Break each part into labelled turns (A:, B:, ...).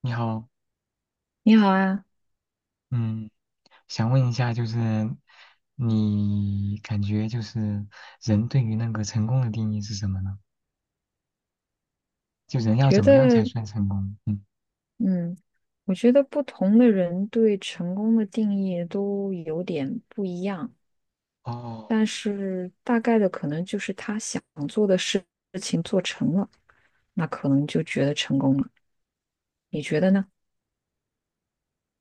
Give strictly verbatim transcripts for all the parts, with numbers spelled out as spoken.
A: 你好，
B: 你好啊，
A: 嗯，想问一下，就是你感觉就是人对于那个成功的定义是什么呢？就人要
B: 觉
A: 怎么样才
B: 得，
A: 算成功？嗯，
B: 嗯，我觉得不同的人对成功的定义都有点不一样，
A: 哦，
B: 但是大概的可能就是他想做的事情做成了，那可能就觉得成功了。你觉得呢？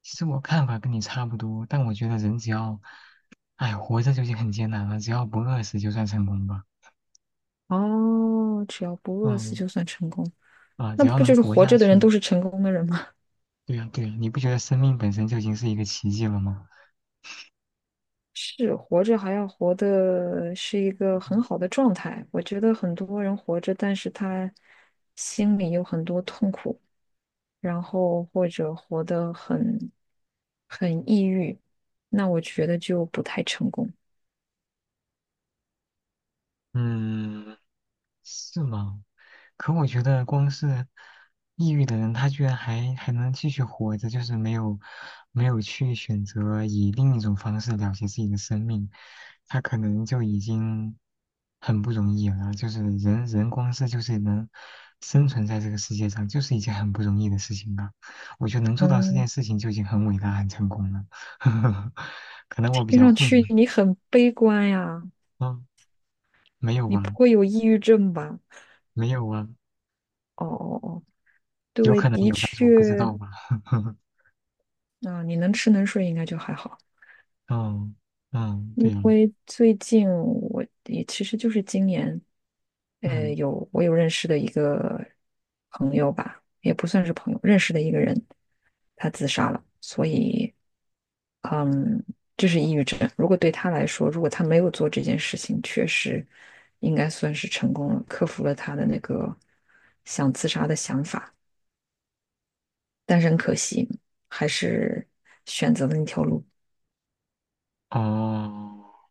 A: 其实我看法跟你差不多，但我觉得人只要，哎，活着就已经很艰难了，只要不饿死就算成功吧。
B: 哦，只要不饿死
A: 嗯，
B: 就算成功，
A: 啊，只
B: 那
A: 要
B: 不
A: 能
B: 就是
A: 活
B: 活
A: 下
B: 着的人
A: 去，
B: 都是成功的人吗？
A: 对呀，对呀，你不觉得生命本身就已经是一个奇迹了吗？
B: 是，活着还要活的是一个很好的状态。我觉得很多人活着，但是他心里有很多痛苦。然后或者活得很很抑郁，那我觉得就不太成功。
A: 嗯，是吗？可我觉得光是抑郁的人，他居然还还能继续活着，就是没有没有去选择以另一种方式了结自己的生命，他可能就已经很不容易了。就是人人光是就是能生存在这个世界上，就是一件很不容易的事情了。我觉得能做到这
B: 嗯，
A: 件事情就已经很伟大、很成功了。可能我比
B: 听
A: 较
B: 上
A: 混
B: 去
A: 吧，
B: 你很悲观呀，
A: 嗯，没有
B: 你
A: 吧，
B: 不会有抑郁症吧？
A: 没有啊。
B: 哦哦哦，
A: 有
B: 对，
A: 可能
B: 的
A: 有，但是我不知
B: 确，
A: 道吧。
B: 啊、你能吃能睡应该就还好。
A: 嗯嗯，对
B: 因
A: 呀，
B: 为最近我也其实就是今年，呃，
A: 嗯
B: 有我有认识的一个朋友吧，也不算是朋友，认识的一个人，他自杀了，所以，嗯，这是抑郁症。如果对他来说，如果他没有做这件事情，确实应该算是成功了，克服了他的那个想自杀的想法，但是很可惜，还是选择了那条路。
A: 哦，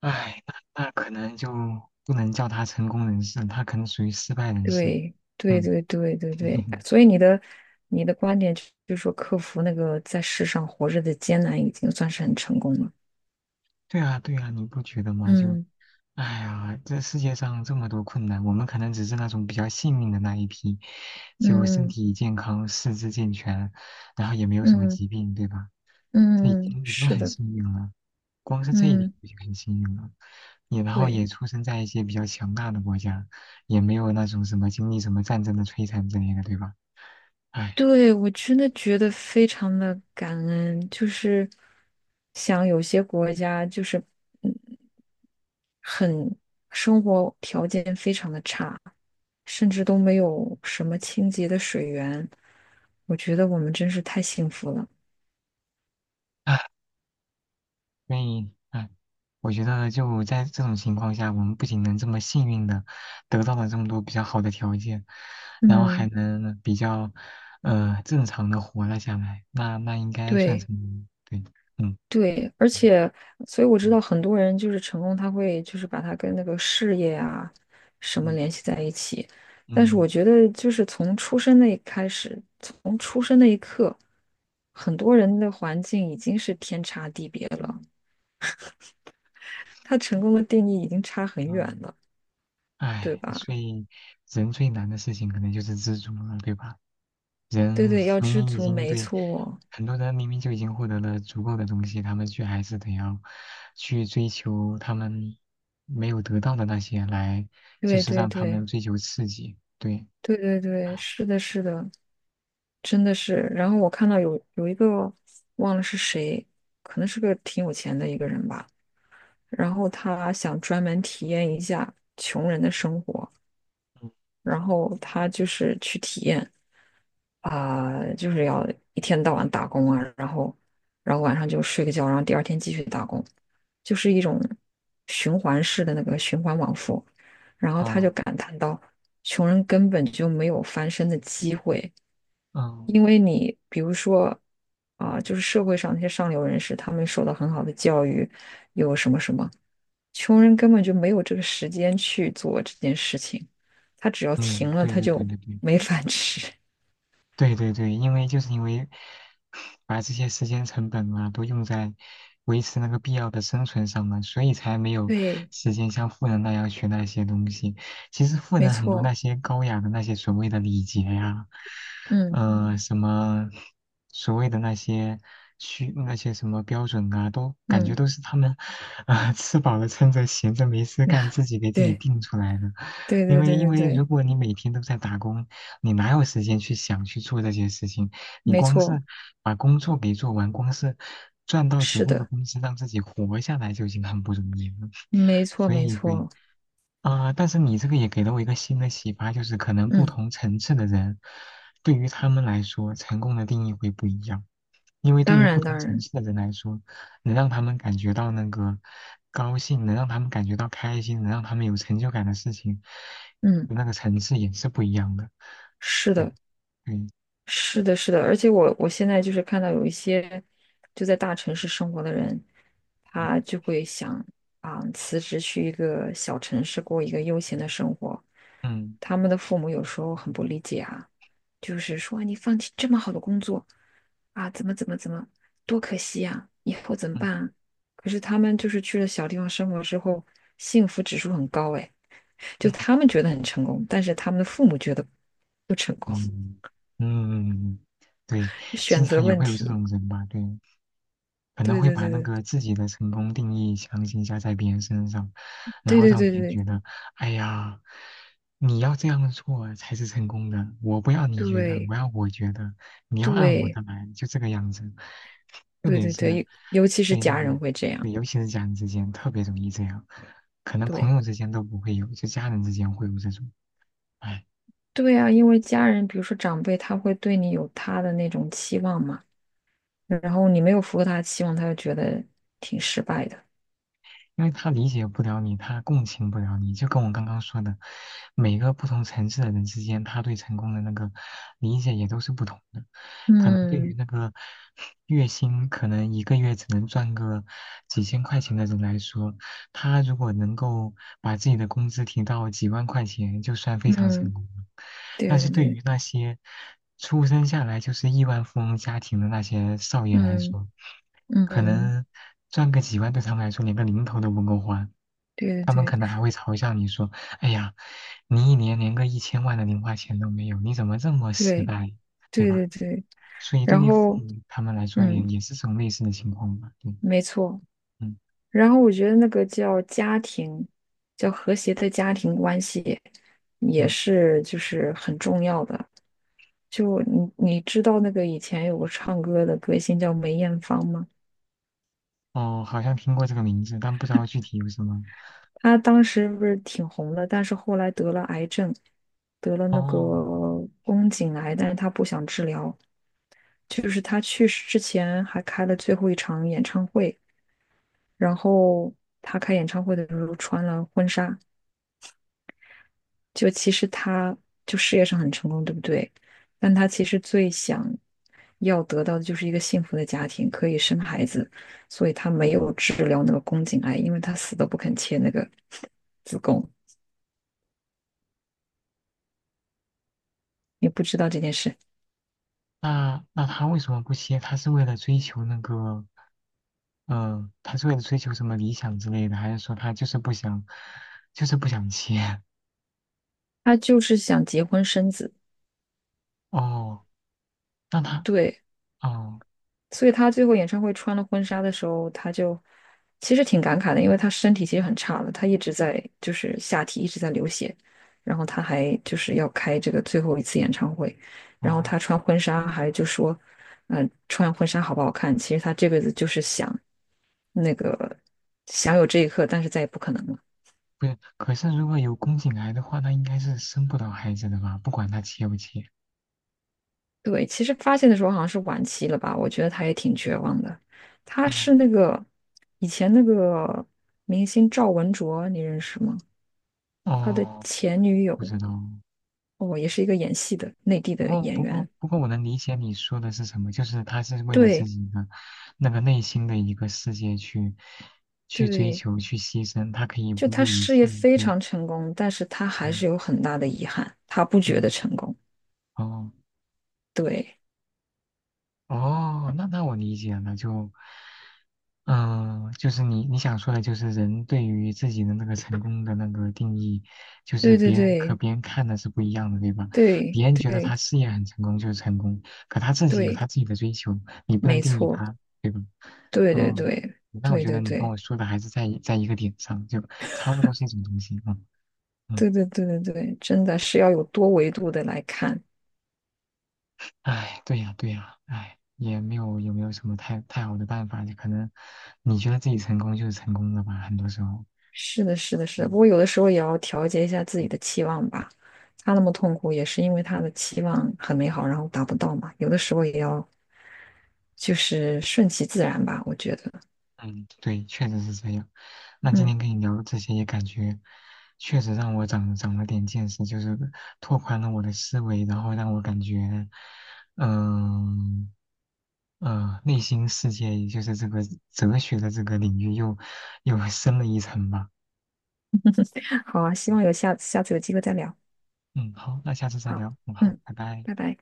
A: 哎，那那可能就不能叫他成功人士，他可能属于失败人士。
B: 对对
A: 嗯，
B: 对对对对，所以你的你的观点就是说，克服那个在世上活着的艰难，已经算是很成功了。
A: 对啊对啊，你不觉得吗？就
B: 嗯
A: 哎呀，这世界上这么多困难，我们可能只是那种比较幸运的那一批，就身
B: 嗯
A: 体健康、四肢健全，然后也没有什么
B: 嗯
A: 疾病，对吧？这已
B: 嗯
A: 经已经
B: 是
A: 很
B: 的，
A: 幸运了，光是这一点
B: 嗯
A: 就已经很幸运了。也然后
B: 对
A: 也出生在一些比较强大的国家，也没有那种什么经历什么战争的摧残之类的，对吧？哎，
B: 对，我真的觉得非常的感恩，就是像有些国家，就是嗯，生活条件非常的差，甚至都没有什么清洁的水源，我觉得我们真是太幸福了。
A: 唉所以，哎，我觉得就在这种情况下，我们不仅能这么幸运的得到了这么多比较好的条件，然后还
B: 嗯。
A: 能比较呃正常的活了下来，那那应该算
B: 对
A: 成功对，嗯
B: 对，而且，所以我知道
A: 嗯
B: 很多人就是成功，他会就是把他跟那个事业啊什么
A: 嗯
B: 联系在一起。但是我
A: 嗯
B: 觉得，就是从出生那一开始，从出生那一刻，很多人的环境已经是天差地别了，他成功的定义已经差很远
A: 嗯，
B: 了，对
A: 哎，
B: 吧？
A: 所以人最难的事情可能就是知足了，对吧？
B: 对
A: 人
B: 对，要
A: 明
B: 知
A: 明已
B: 足，
A: 经
B: 没
A: 对
B: 错，
A: 很多人明明就已经获得了足够的东西，他们却还是得要去追求他们没有得到的那些来，就
B: 对
A: 是
B: 对
A: 让他们
B: 对
A: 追求刺激。对，
B: 对对对，是的，是的。真的是。然后我看到有有一个忘了是谁，可能是个挺有钱的一个人吧，然后他想专门体验一下穷人的生活。然后他就是去体验啊、就是要一天到晚打工啊，然后然后晚上就睡个觉，然后第二天继续打工，就是一种循环式的那个循环往复。然后他就
A: 啊，
B: 感叹到，穷人根本就没有翻身的机会，因
A: 嗯
B: 为你比如说啊、就是社会上那些上流人士，他们受到很好的教育，有什么什么，穷人根本就没有这个时间去做这件事情。它只要停
A: 嗯，
B: 了，
A: 对
B: 它
A: 对对
B: 就
A: 对对。
B: 没饭吃。
A: 对对对，因为就是因为把这些时间成本啊都用在维持那个必要的生存上了，所以才没 有
B: 对，
A: 时间像富人那样学那些东西。其实富
B: 没
A: 人很多
B: 错，
A: 那些高雅的那些所谓的礼节呀、
B: 嗯
A: 呃，什么所谓的那些需那些什么标准啊，都感觉
B: 嗯，
A: 都是他们啊、呃吃饱了撑着闲着没事干
B: 啊，
A: 自己给自己
B: 对
A: 定出来的。
B: 对
A: 因
B: 对
A: 为
B: 对
A: 因
B: 对
A: 为如
B: 对，
A: 果你每天都在打工，你哪有时间去想去做这些事情？你
B: 没
A: 光是
B: 错，
A: 把工作给做完，光是赚到足
B: 是
A: 够的
B: 的，
A: 工资让自己活下来就已经很不容易了。
B: 没 错
A: 所
B: 没
A: 以对，
B: 错，
A: 啊，呃但是你这个也给了我一个新的启发，就是可能不
B: 嗯，
A: 同层次的人，对于他们来说，成功的定义会不一样。因为对
B: 当
A: 于不
B: 然
A: 同
B: 当
A: 层
B: 然，
A: 次的人来说，能让他们感觉到那个高兴，能让他们感觉到开心，能让他们有成就感的事情，
B: 嗯，
A: 那个层次也是不一样的。
B: 是
A: 对
B: 的，
A: 对，
B: 是的，是的，而且我我现在就是看到有一些就在大城市生活的人，他
A: 嗯
B: 就会想啊，辞职去一个小城市过一个悠闲的生活。
A: 嗯
B: 他们的父母有时候很不理解啊，就是说你放弃这么好的工作啊，怎么怎么怎么，多可惜呀、以后怎么办啊。
A: 嗯
B: 可是他们就是去了小地方生活之后，幸福指数很高哎，就他们觉得很成功，但是他们的父母觉得不成功，
A: 嗯嗯嗯，对，经
B: 选择
A: 常也
B: 问
A: 会有这
B: 题。
A: 种人吧，对。可能
B: 对
A: 会
B: 对
A: 把
B: 对
A: 那
B: 对
A: 个自己的成功定义强行加在别人身上，然
B: 对
A: 后
B: 对
A: 让
B: 对
A: 别人
B: 对
A: 觉得，哎呀，你要这样做才是成功的，我不要你觉得，我要我觉得，你要按我
B: 对
A: 的来，就这个样子。特
B: 对
A: 别
B: 对
A: 是
B: 对，尤尤其是
A: 对那
B: 家
A: 个，
B: 人会这样，
A: 对尤其是家人之间特别容易这样，可能朋
B: 对
A: 友之间都不会有，就家人之间会有这种，哎。
B: 对啊，因为家人，比如说长辈，他会对你有他的那种期望嘛，然后你没有符合他的期望，他就觉得挺失败的。
A: 因为他理解不了你，他共情不了你，就跟我刚刚说的，每个不同层次的人之间，他对成功的那个理解也都是不同的。可能对于
B: 嗯
A: 那个 月薪可能一个月只能赚个几千块钱的人来说，他如果能够把自己的工资提到几万块钱，就算非常成
B: 嗯，
A: 功了。但
B: 对
A: 是
B: 对
A: 对
B: 对，
A: 于那些出生下来就是亿万富翁家庭的那些少爷来
B: 嗯
A: 说，可
B: 嗯，
A: 能赚个几万对他们来说连个零头都不够花，
B: 对对对
A: 可能还会嘲笑你说：“哎呀，你一年连个一千万的零花钱都没有，你怎么这么失
B: 对
A: 败？”对
B: 对
A: 吧？
B: 对对，
A: 所以对
B: 然
A: 于父
B: 后
A: 母他们来说也
B: 嗯，
A: 也是这种类似的情况吧。对，
B: 没错。
A: 嗯
B: 然后我觉得那个叫家庭，叫和谐的家庭关系，也
A: 嗯，
B: 是就是很重要的。就你你知道那个以前有个唱歌的歌星叫梅艳芳吗？
A: 哦，好像听过这个名字，但不知道具体有什么。
B: 她当时不是挺红的，但是后来得了癌症，得了那个
A: 哦，
B: 宫颈癌，但是她不想治疗。就是她去世之前还开了最后一场演唱会，然后她开演唱会的时候穿了婚纱。就其实他就事业上很成功，对不对？但他其实最想要得到的就是一个幸福的家庭，可以生孩子，所以他没有治疗那个宫颈癌，因为他死都不肯切那个 子宫。也不知道这件事，
A: 那那他为什么不歇？他是为了追求那个。嗯，他是为了追求什么理想之类的，还是说他就是不想，就是不想切？
B: 他就是想结婚生子，
A: 哦，那他，
B: 对。
A: 哦
B: 所以他最后演唱会穿了婚纱的时候，他就其实挺感慨的，因为他身体其实很差了，他一直在就是下体一直在流血，然后他还就是要开这个最后一次演唱会，然后
A: 哦，
B: 他穿婚纱还就说，嗯、穿婚纱好不好看？其实他这辈子就是想那个想有这一刻，但是再也不可能了。
A: 不是，可是如果有宫颈癌的话，那应该是生不了孩子的吧？不管他切不切。
B: 对，其实发现的时候好像是晚期了吧，我觉得他也挺绝望的。他
A: 哦
B: 是那个以前那个明星赵文卓，你认识吗？他的
A: 哦，
B: 前女
A: 不
B: 友
A: 知道。
B: 哦，也是一个演戏的内地
A: 不
B: 的
A: 过
B: 演
A: 不过
B: 员。
A: 不过，我能理解你说的是什么，就是他是为了自
B: 对
A: 己的那个内心的一个世界去去追
B: 对，
A: 求、去牺牲，他可以
B: 就
A: 不
B: 他
A: 顾一
B: 事
A: 切。
B: 业非
A: 对，
B: 常成功，但是他还
A: 嗯
B: 是有很大的遗憾，他不觉得
A: 嗯，
B: 成功。
A: 哦。
B: 对
A: 哦，那那我理解了，就，嗯、就是你你想说的，就是人对于自己的那个成功的那个定义，就是
B: 对对
A: 别人和
B: 对
A: 别人看的是不一样的，对吧？
B: 对
A: 别人觉得
B: 对
A: 他事业很成功就是成功，可他自己有
B: 对，
A: 他自己的追求，你不能
B: 没
A: 定义
B: 错，
A: 他，对吧？
B: 对对对
A: 嗯，
B: 对
A: 那我
B: 对
A: 觉得
B: 对
A: 你跟
B: 对
A: 我说的还是在一在一个点上，就差不多是一种东西，嗯嗯。
B: 对对对对，真的是要有多维度的来看。
A: 哎，对呀，对呀，哎，也没有有没有什么太太好的办法，就可能你觉得自己成功就是成功了吧，很多时候。
B: 是的，是的，是的。不过
A: 嗯
B: 有的时候也要调节一下自己的
A: 嗯
B: 期望吧。他那么痛苦，也是因为他的期望很美好，然后达不到嘛。有的时候也要就是顺其自然吧，我觉得。
A: 嗯，对，确实是这样。那今
B: 嗯，
A: 天跟你聊这些，也感觉确实让我长长了点见识，就是拓宽了我的思维，然后让我感觉，嗯呃，内心世界，也就是这个哲学的这个领域又又深了一层吧。
B: 好啊，希望有下次下次有机会再聊。
A: 嗯，好，那下次再
B: 好，
A: 聊。嗯，好，
B: 嗯，
A: 拜拜。
B: 拜拜。